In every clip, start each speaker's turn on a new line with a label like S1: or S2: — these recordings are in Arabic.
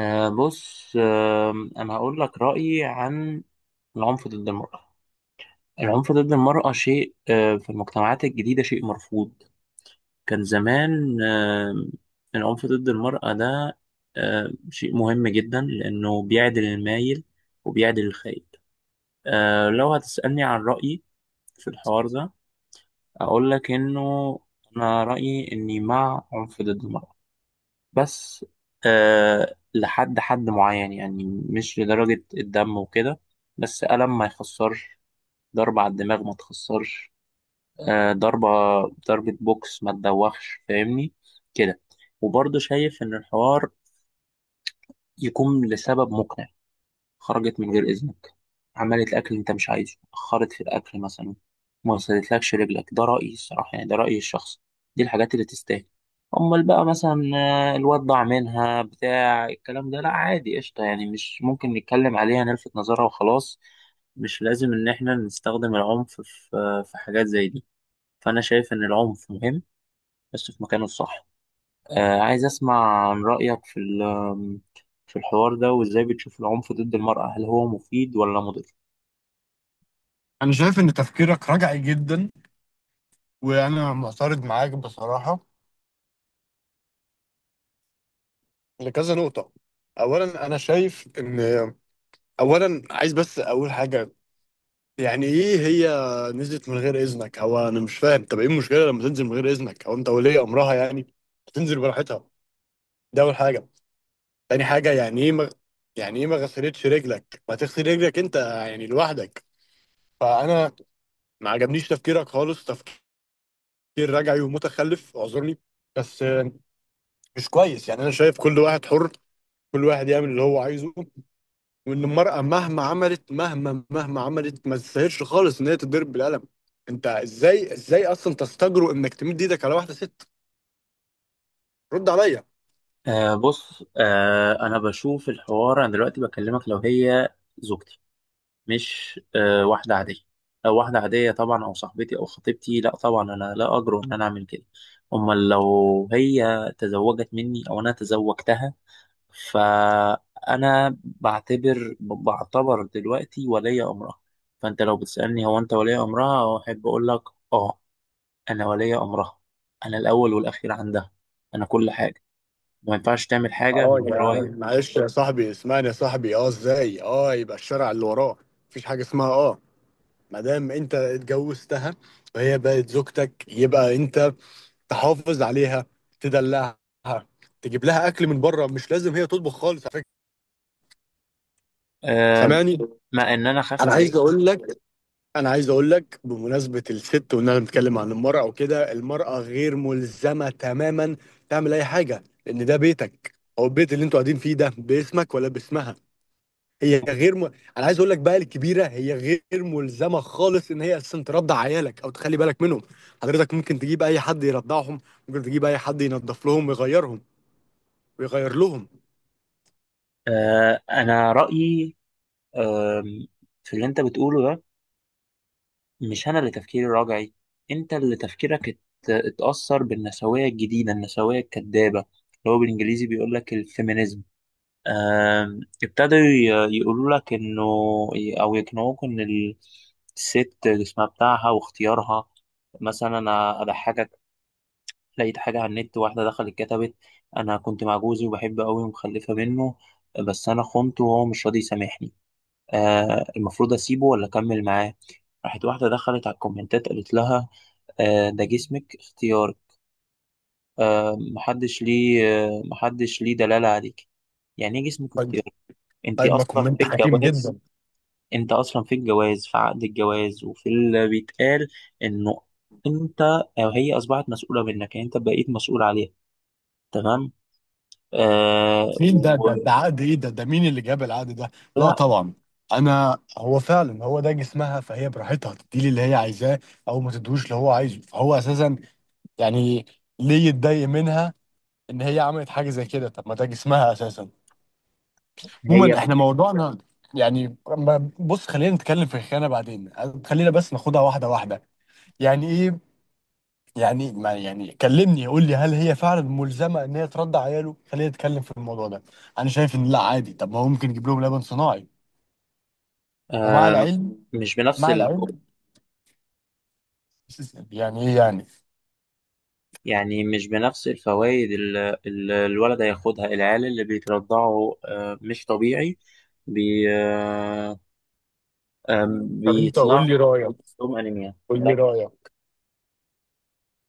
S1: بص أنا هقول لك رأيي عن العنف ضد المرأة. العنف ضد المرأة شيء في المجتمعات الجديدة شيء مرفوض. كان زمان العنف ضد المرأة ده شيء مهم جدا لأنه بيعدل المايل وبيعدل الخايب. لو هتسألني عن رأيي في الحوار ده أقول لك إنه أنا رأيي إني مع عنف ضد المرأة، بس لحد حد معين، يعني مش لدرجة الدم وكده، بس ألم ما يخسرش، ضربة على الدماغ ما تخسرش، آه ضربة ضربة بوكس ما تدوخش، فاهمني كده. وبرضه شايف إن الحوار يكون لسبب مقنع: خرجت من غير إذنك، عملت الأكل اللي أنت مش عايزه، أخرت في الأكل مثلا، ما وصلتلكش رجلك، ده رأيي الصراحة، يعني ده رأيي الشخصي، دي الحاجات اللي تستاهل. أمال بقى مثلا الواد ضاع منها بتاع الكلام ده، لا عادي، قشطة، يعني مش ممكن نتكلم عليها نلفت نظرها وخلاص. مش لازم إن إحنا نستخدم العنف في حاجات زي دي. فأنا شايف إن العنف مهم، بس في مكانه الصح. عايز أسمع عن رأيك في الحوار ده، وإزاي بتشوف العنف ضد المرأة، هل هو مفيد ولا مضر؟
S2: أنا شايف إن تفكيرك رجعي جدا، وأنا معترض معاك بصراحة لكذا نقطة. أولا أنا شايف إن أولا عايز بس أقول حاجة. يعني ايه هي نزلت من غير اذنك؟ هو انا مش فاهم، طب ايه المشكله لما تنزل من غير اذنك؟ هو انت ولي امرها يعني؟ تنزل براحتها. ده اول حاجه. تاني حاجه، يعني ايه يعني ايه ما غسلتش رجلك؟ ما تغسل رجلك انت يعني لوحدك. فانا ما عجبنيش تفكيرك خالص، تفكير رجعي ومتخلف، اعذرني بس. مش كويس. يعني انا شايف كل واحد حر، كل واحد يعمل اللي هو عايزه، وان المرأة مهما عملت، مهما عملت، ما تستاهلش خالص ان هي تتضرب بالقلم. انت ازاي اصلا تستجرؤ انك تمد ايدك على واحدة ست؟ رد عليا.
S1: بص أنا بشوف الحوار، أنا دلوقتي بكلمك لو هي زوجتي، مش واحدة عادية. لو واحدة عادية طبعا، أو صاحبتي أو خطيبتي، لا طبعا أنا لا أجرؤ إن أنا أعمل كده. أمال لو هي تزوجت مني أو أنا تزوجتها، فأنا بعتبر دلوقتي ولي أمرها. فأنت لو بتسألني هو أنت ولي أمرها، أحب أقول لك آه أنا ولي أمرها، أنا الأول والأخير عندها، أنا كل حاجة، ما ينفعش تعمل حاجة من
S2: اه
S1: ورايا.
S2: يا معلش يا صاحبي، اسمعني يا صاحبي. اه ازاي يبقى الشارع اللي وراه مفيش حاجة اسمها؟ اه ما دام انت اتجوزتها وهي بقت زوجتك، يبقى انت تحافظ عليها، تدلعها، تجيب لها اكل من بره، مش لازم هي تطبخ خالص على فكرة.
S1: آم،
S2: سامعني؟
S1: مع إن أنا أخاف
S2: انا عايز
S1: عليك.
S2: اقول لك انا عايز اقول لك بمناسبه الست، وان انا بنتكلم عن المراه وكده، المراه غير ملزمه تماما تعمل اي حاجه، لان ده بيتك او البيت اللي انتوا قاعدين فيه، ده باسمك ولا باسمها؟ هي غير م... انا عايز اقول لك بقى، الكبيره هي غير ملزمه خالص ان هي اصلا ترضع عيالك او تخلي بالك منهم. حضرتك ممكن تجيب اي حد يرضعهم، ممكن تجيب اي حد ينظف لهم ويغيرهم ويغير لهم.
S1: أنا رأيي آم، في اللي أنت بتقوله ده، مش أنا اللي تفكيري راجعي، أنت اللي تفكيرك اتأثر بالنسوية الجديدة، النسوية الكذابة اللي هو بالإنجليزي بيقول لك الفيمينيزم. ابتدوا يقولوا لك انه، او يقنعوك الست جسمها بتاعها واختيارها. مثلا انا اضحكك، لقيت حاجه على النت، واحده دخلت كتبت: انا كنت مع جوزي وبحبه قوي ومخلفه منه، بس انا خنته وهو مش راضي يسامحني، المفروض اسيبه ولا اكمل معاه؟ راحت واحده دخلت على الكومنتات قالت لها: آه ده جسمك اختيارك، محدش ليه دلاله عليك. يعني ايه جسمك
S2: طيب.
S1: اختيارك؟ انت
S2: طيب، ما
S1: اصلا
S2: كومنت
S1: في
S2: حكيم
S1: الجواز
S2: جدا.
S1: انت اصلا في الجواز، في عقد الجواز وفي اللي بيتقال انه انت، او هي اصبحت مسؤوله منك، يعني انت بقيت مسؤول عليها، تمام؟ آه
S2: مين ده؟
S1: و...
S2: ده عقد ايه ده؟ مين اللي جاب العقد ده؟ لا
S1: لا
S2: طبعا. انا هو فعلا، هو ده جسمها، فهي براحتها تديلي اللي هي عايزاه او ما تدوش اللي هو عايزه، فهو اساسا يعني ليه يتضايق منها ان هي عملت حاجه زي كده؟ طب ما ده جسمها اساسا.
S1: هي
S2: عموما
S1: بس.
S2: احنا موضوعنا، يعني بص، خلينا نتكلم في الخيانه بعدين، خلينا بس ناخدها واحده واحده. يعني ايه يعني، ما يعني، كلمني، قول لي، هل هي فعلا ملزمه ان هي ترضع عياله؟ خلينا نتكلم في الموضوع ده. انا شايف ان لا، عادي، طب ما هو ممكن يجيب لهم لبن صناعي. ومع
S1: آه
S2: العلم
S1: مش بنفس
S2: مع
S1: ال...
S2: العلم يعني ايه يعني؟
S1: يعني مش بنفس الفوائد اللي الولد هياخدها. العيال اللي بيترضعوا مش طبيعي، بي... آه آه
S2: طب انت قول
S1: بيطلع
S2: لي رايك،
S1: عندهم انيميا
S2: قول لي
S1: ده.
S2: رايك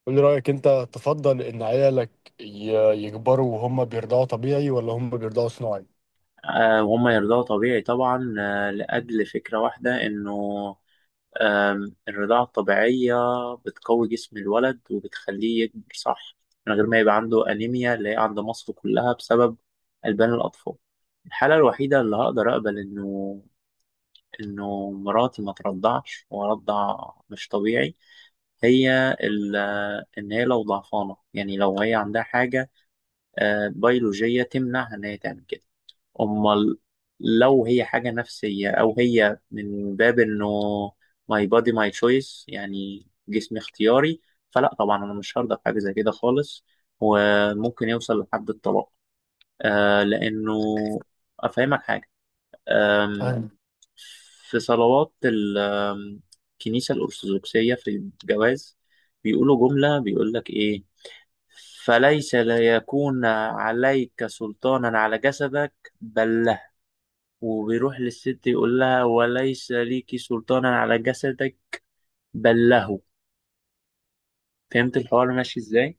S2: انت تفضل ان عيالك يكبروا وهم بيرضعوا طبيعي، ولا هم بيرضعوا صناعي؟
S1: وهم يرضعوا طبيعي طبعا، لاجل فكره واحده انه الرضاعة الطبيعية بتقوي جسم الولد وبتخليه يكبر صح، من غير ما يبقى عنده أنيميا اللي هي عند مصر كلها بسبب ألبان الأطفال. الحالة الوحيدة اللي هقدر أقبل إنه مراتي ما ترضعش وأرضع مش طبيعي، هي ال- إن هي لو ضعفانة، يعني لو هي عندها حاجة بيولوجية تمنعها إن هي تعمل كده. امال لو هي حاجه نفسيه، او هي من باب انه ماي بادي ماي تشويس، يعني جسمي اختياري، فلا طبعا انا مش هرضى بحاجه زي كده خالص، وممكن يوصل لحد الطلاق. لانه افهمك حاجه. آم،
S2: فاهم.
S1: في صلوات ال- آم، الكنيسه الارثوذكسيه، في الجواز بيقولوا جمله، بيقول لك ايه؟ فليس ليكون عليك سلطانا على جسدك بل، وبيروح للست يقول لها: وليس ليكي سلطان على جسدك بل له. فهمت الحوار ماشي ازاي؟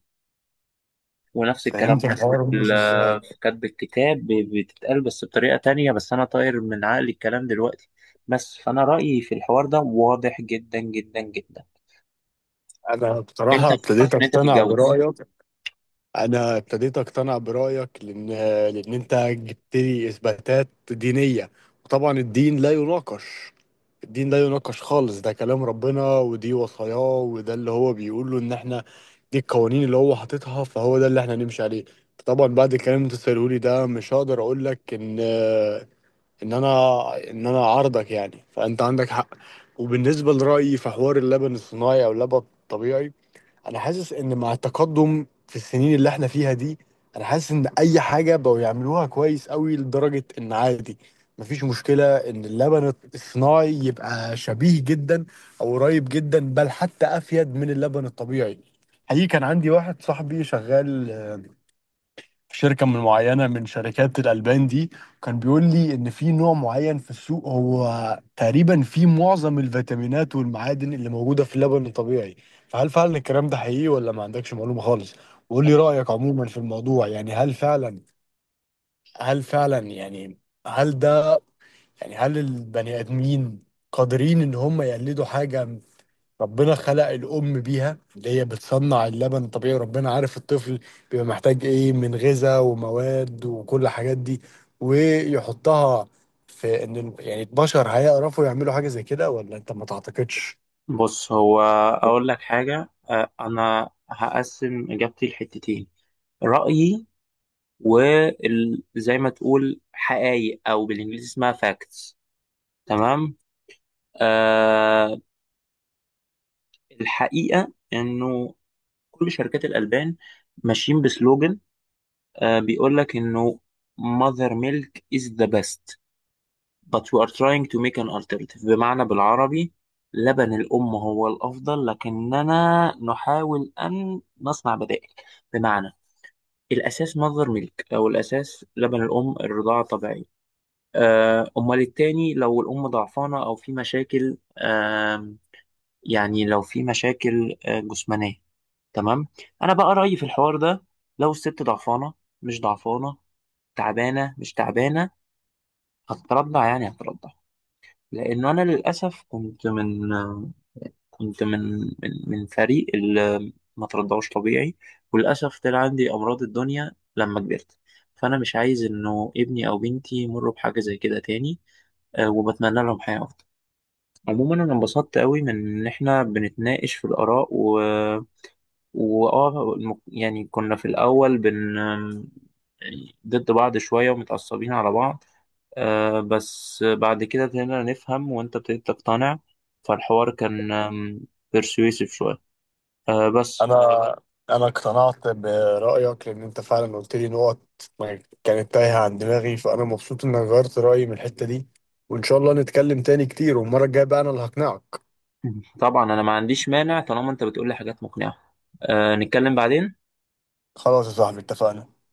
S1: ونفس الكلام
S2: فهمت
S1: برضه
S2: الحوار مش ازاي.
S1: في كتب الكتاب بتتقال، بس بطريقة تانية، بس أنا طاير من عقلي الكلام دلوقتي. بس فأنا رأيي في الحوار ده واضح جدا جدا جدا.
S2: انا
S1: أنت
S2: بصراحه ابتديت
S1: فكرت إن أنت
S2: اقتنع
S1: تتجوز؟
S2: برايك انا ابتديت اقتنع برايك، لان انت جبت لي اثباتات دينيه، وطبعا الدين لا يناقش، الدين لا يناقش خالص. ده كلام ربنا ودي وصاياه، وده اللي هو بيقوله ان احنا دي القوانين اللي هو حاططها، فهو ده اللي احنا نمشي عليه. طبعا بعد الكلام اللي انت سأله لي ده مش هقدر اقول لك ان ان انا ان انا عارضك، يعني فانت عندك حق. وبالنسبه لرايي في حوار اللبن الصناعي او اللبن الطبيعي، انا حاسس ان مع التقدم في السنين اللي احنا فيها دي، انا حاسس ان اي حاجه بقوا يعملوها كويس قوي لدرجه ان عادي، مفيش مشكله ان اللبن الصناعي يبقى شبيه جدا او قريب جدا، بل حتى افيد من اللبن الطبيعي. حقيقي كان عندي واحد صاحبي شغال في شركة من معينة من شركات الألبان دي، كان بيقول لي إن في نوع معين في السوق هو تقريبا فيه معظم الفيتامينات والمعادن اللي موجودة في اللبن الطبيعي. فهل فعلا الكلام ده حقيقي، ولا ما عندكش معلومة خالص؟ وقول لي رأيك عموما في الموضوع. يعني هل فعلا يعني هل ده يعني هل البني آدمين قادرين إن هم يقلدوا حاجة ربنا خلق الأم بيها؟ اللي هي بتصنع اللبن الطبيعي، وربنا عارف الطفل بيبقى محتاج إيه من غذاء ومواد وكل الحاجات دي، ويحطها في إن يعني البشر هيعرفوا يعملوا حاجة زي كده، ولا أنت ما تعتقدش؟
S1: بص، هو أقول لك حاجة، أنا هقسم إجابتي لحتتين: رأيي، وزي ما تقول حقايق، أو بالإنجليزي اسمها facts، تمام؟ آه الحقيقة إنه كل شركات الألبان ماشيين بسلوجن، بيقول لك إنه mother milk is the best but we are trying to make an alternative، بمعنى بالعربي لبن الأم هو الأفضل لكننا نحاول أن نصنع بدائل. بمعنى الأساس mother milk، أو الأساس لبن الأم، الرضاعة الطبيعية. أمال التاني، لو الأم ضعفانة أو في مشاكل، يعني لو في مشاكل جسمانية، تمام؟ أنا بقى رأيي في الحوار ده: لو الست ضعفانة مش ضعفانة، تعبانة مش تعبانة، هتترضع يعني هتترضع. لأنه أنا للأسف كنت من آه، كنت من من, من فريق اللي ما ترضعوش طبيعي، وللأسف طلع عندي أمراض الدنيا لما كبرت، فأنا مش عايز إنه ابني أو بنتي يمروا بحاجة زي كده تاني، وبتمنى لهم حياة أفضل. عموما أنا انبسطت قوي من إن إحنا بنتناقش في الآراء، يعني كنا في الأول يعني ضد بعض شوية ومتعصبين على بعض، بس بعد كده ابتدينا نفهم، وأنت ابتديت تقتنع، فالحوار كان بيرسويسيف شوية، بس
S2: أنا أنا اقتنعت برأيك، لأن أنت فعلا قلت لي نقط ما كانت تايهة عن دماغي، فأنا مبسوط إنك غيرت رأيي من الحتة دي، وإن شاء الله نتكلم تاني كتير، والمرة الجاية بقى أنا اللي هقنعك.
S1: طبعا أنا ما عنديش مانع طالما أنت بتقولي حاجات مقنعة، نتكلم بعدين.
S2: خلاص يا صاحبي، اتفقنا.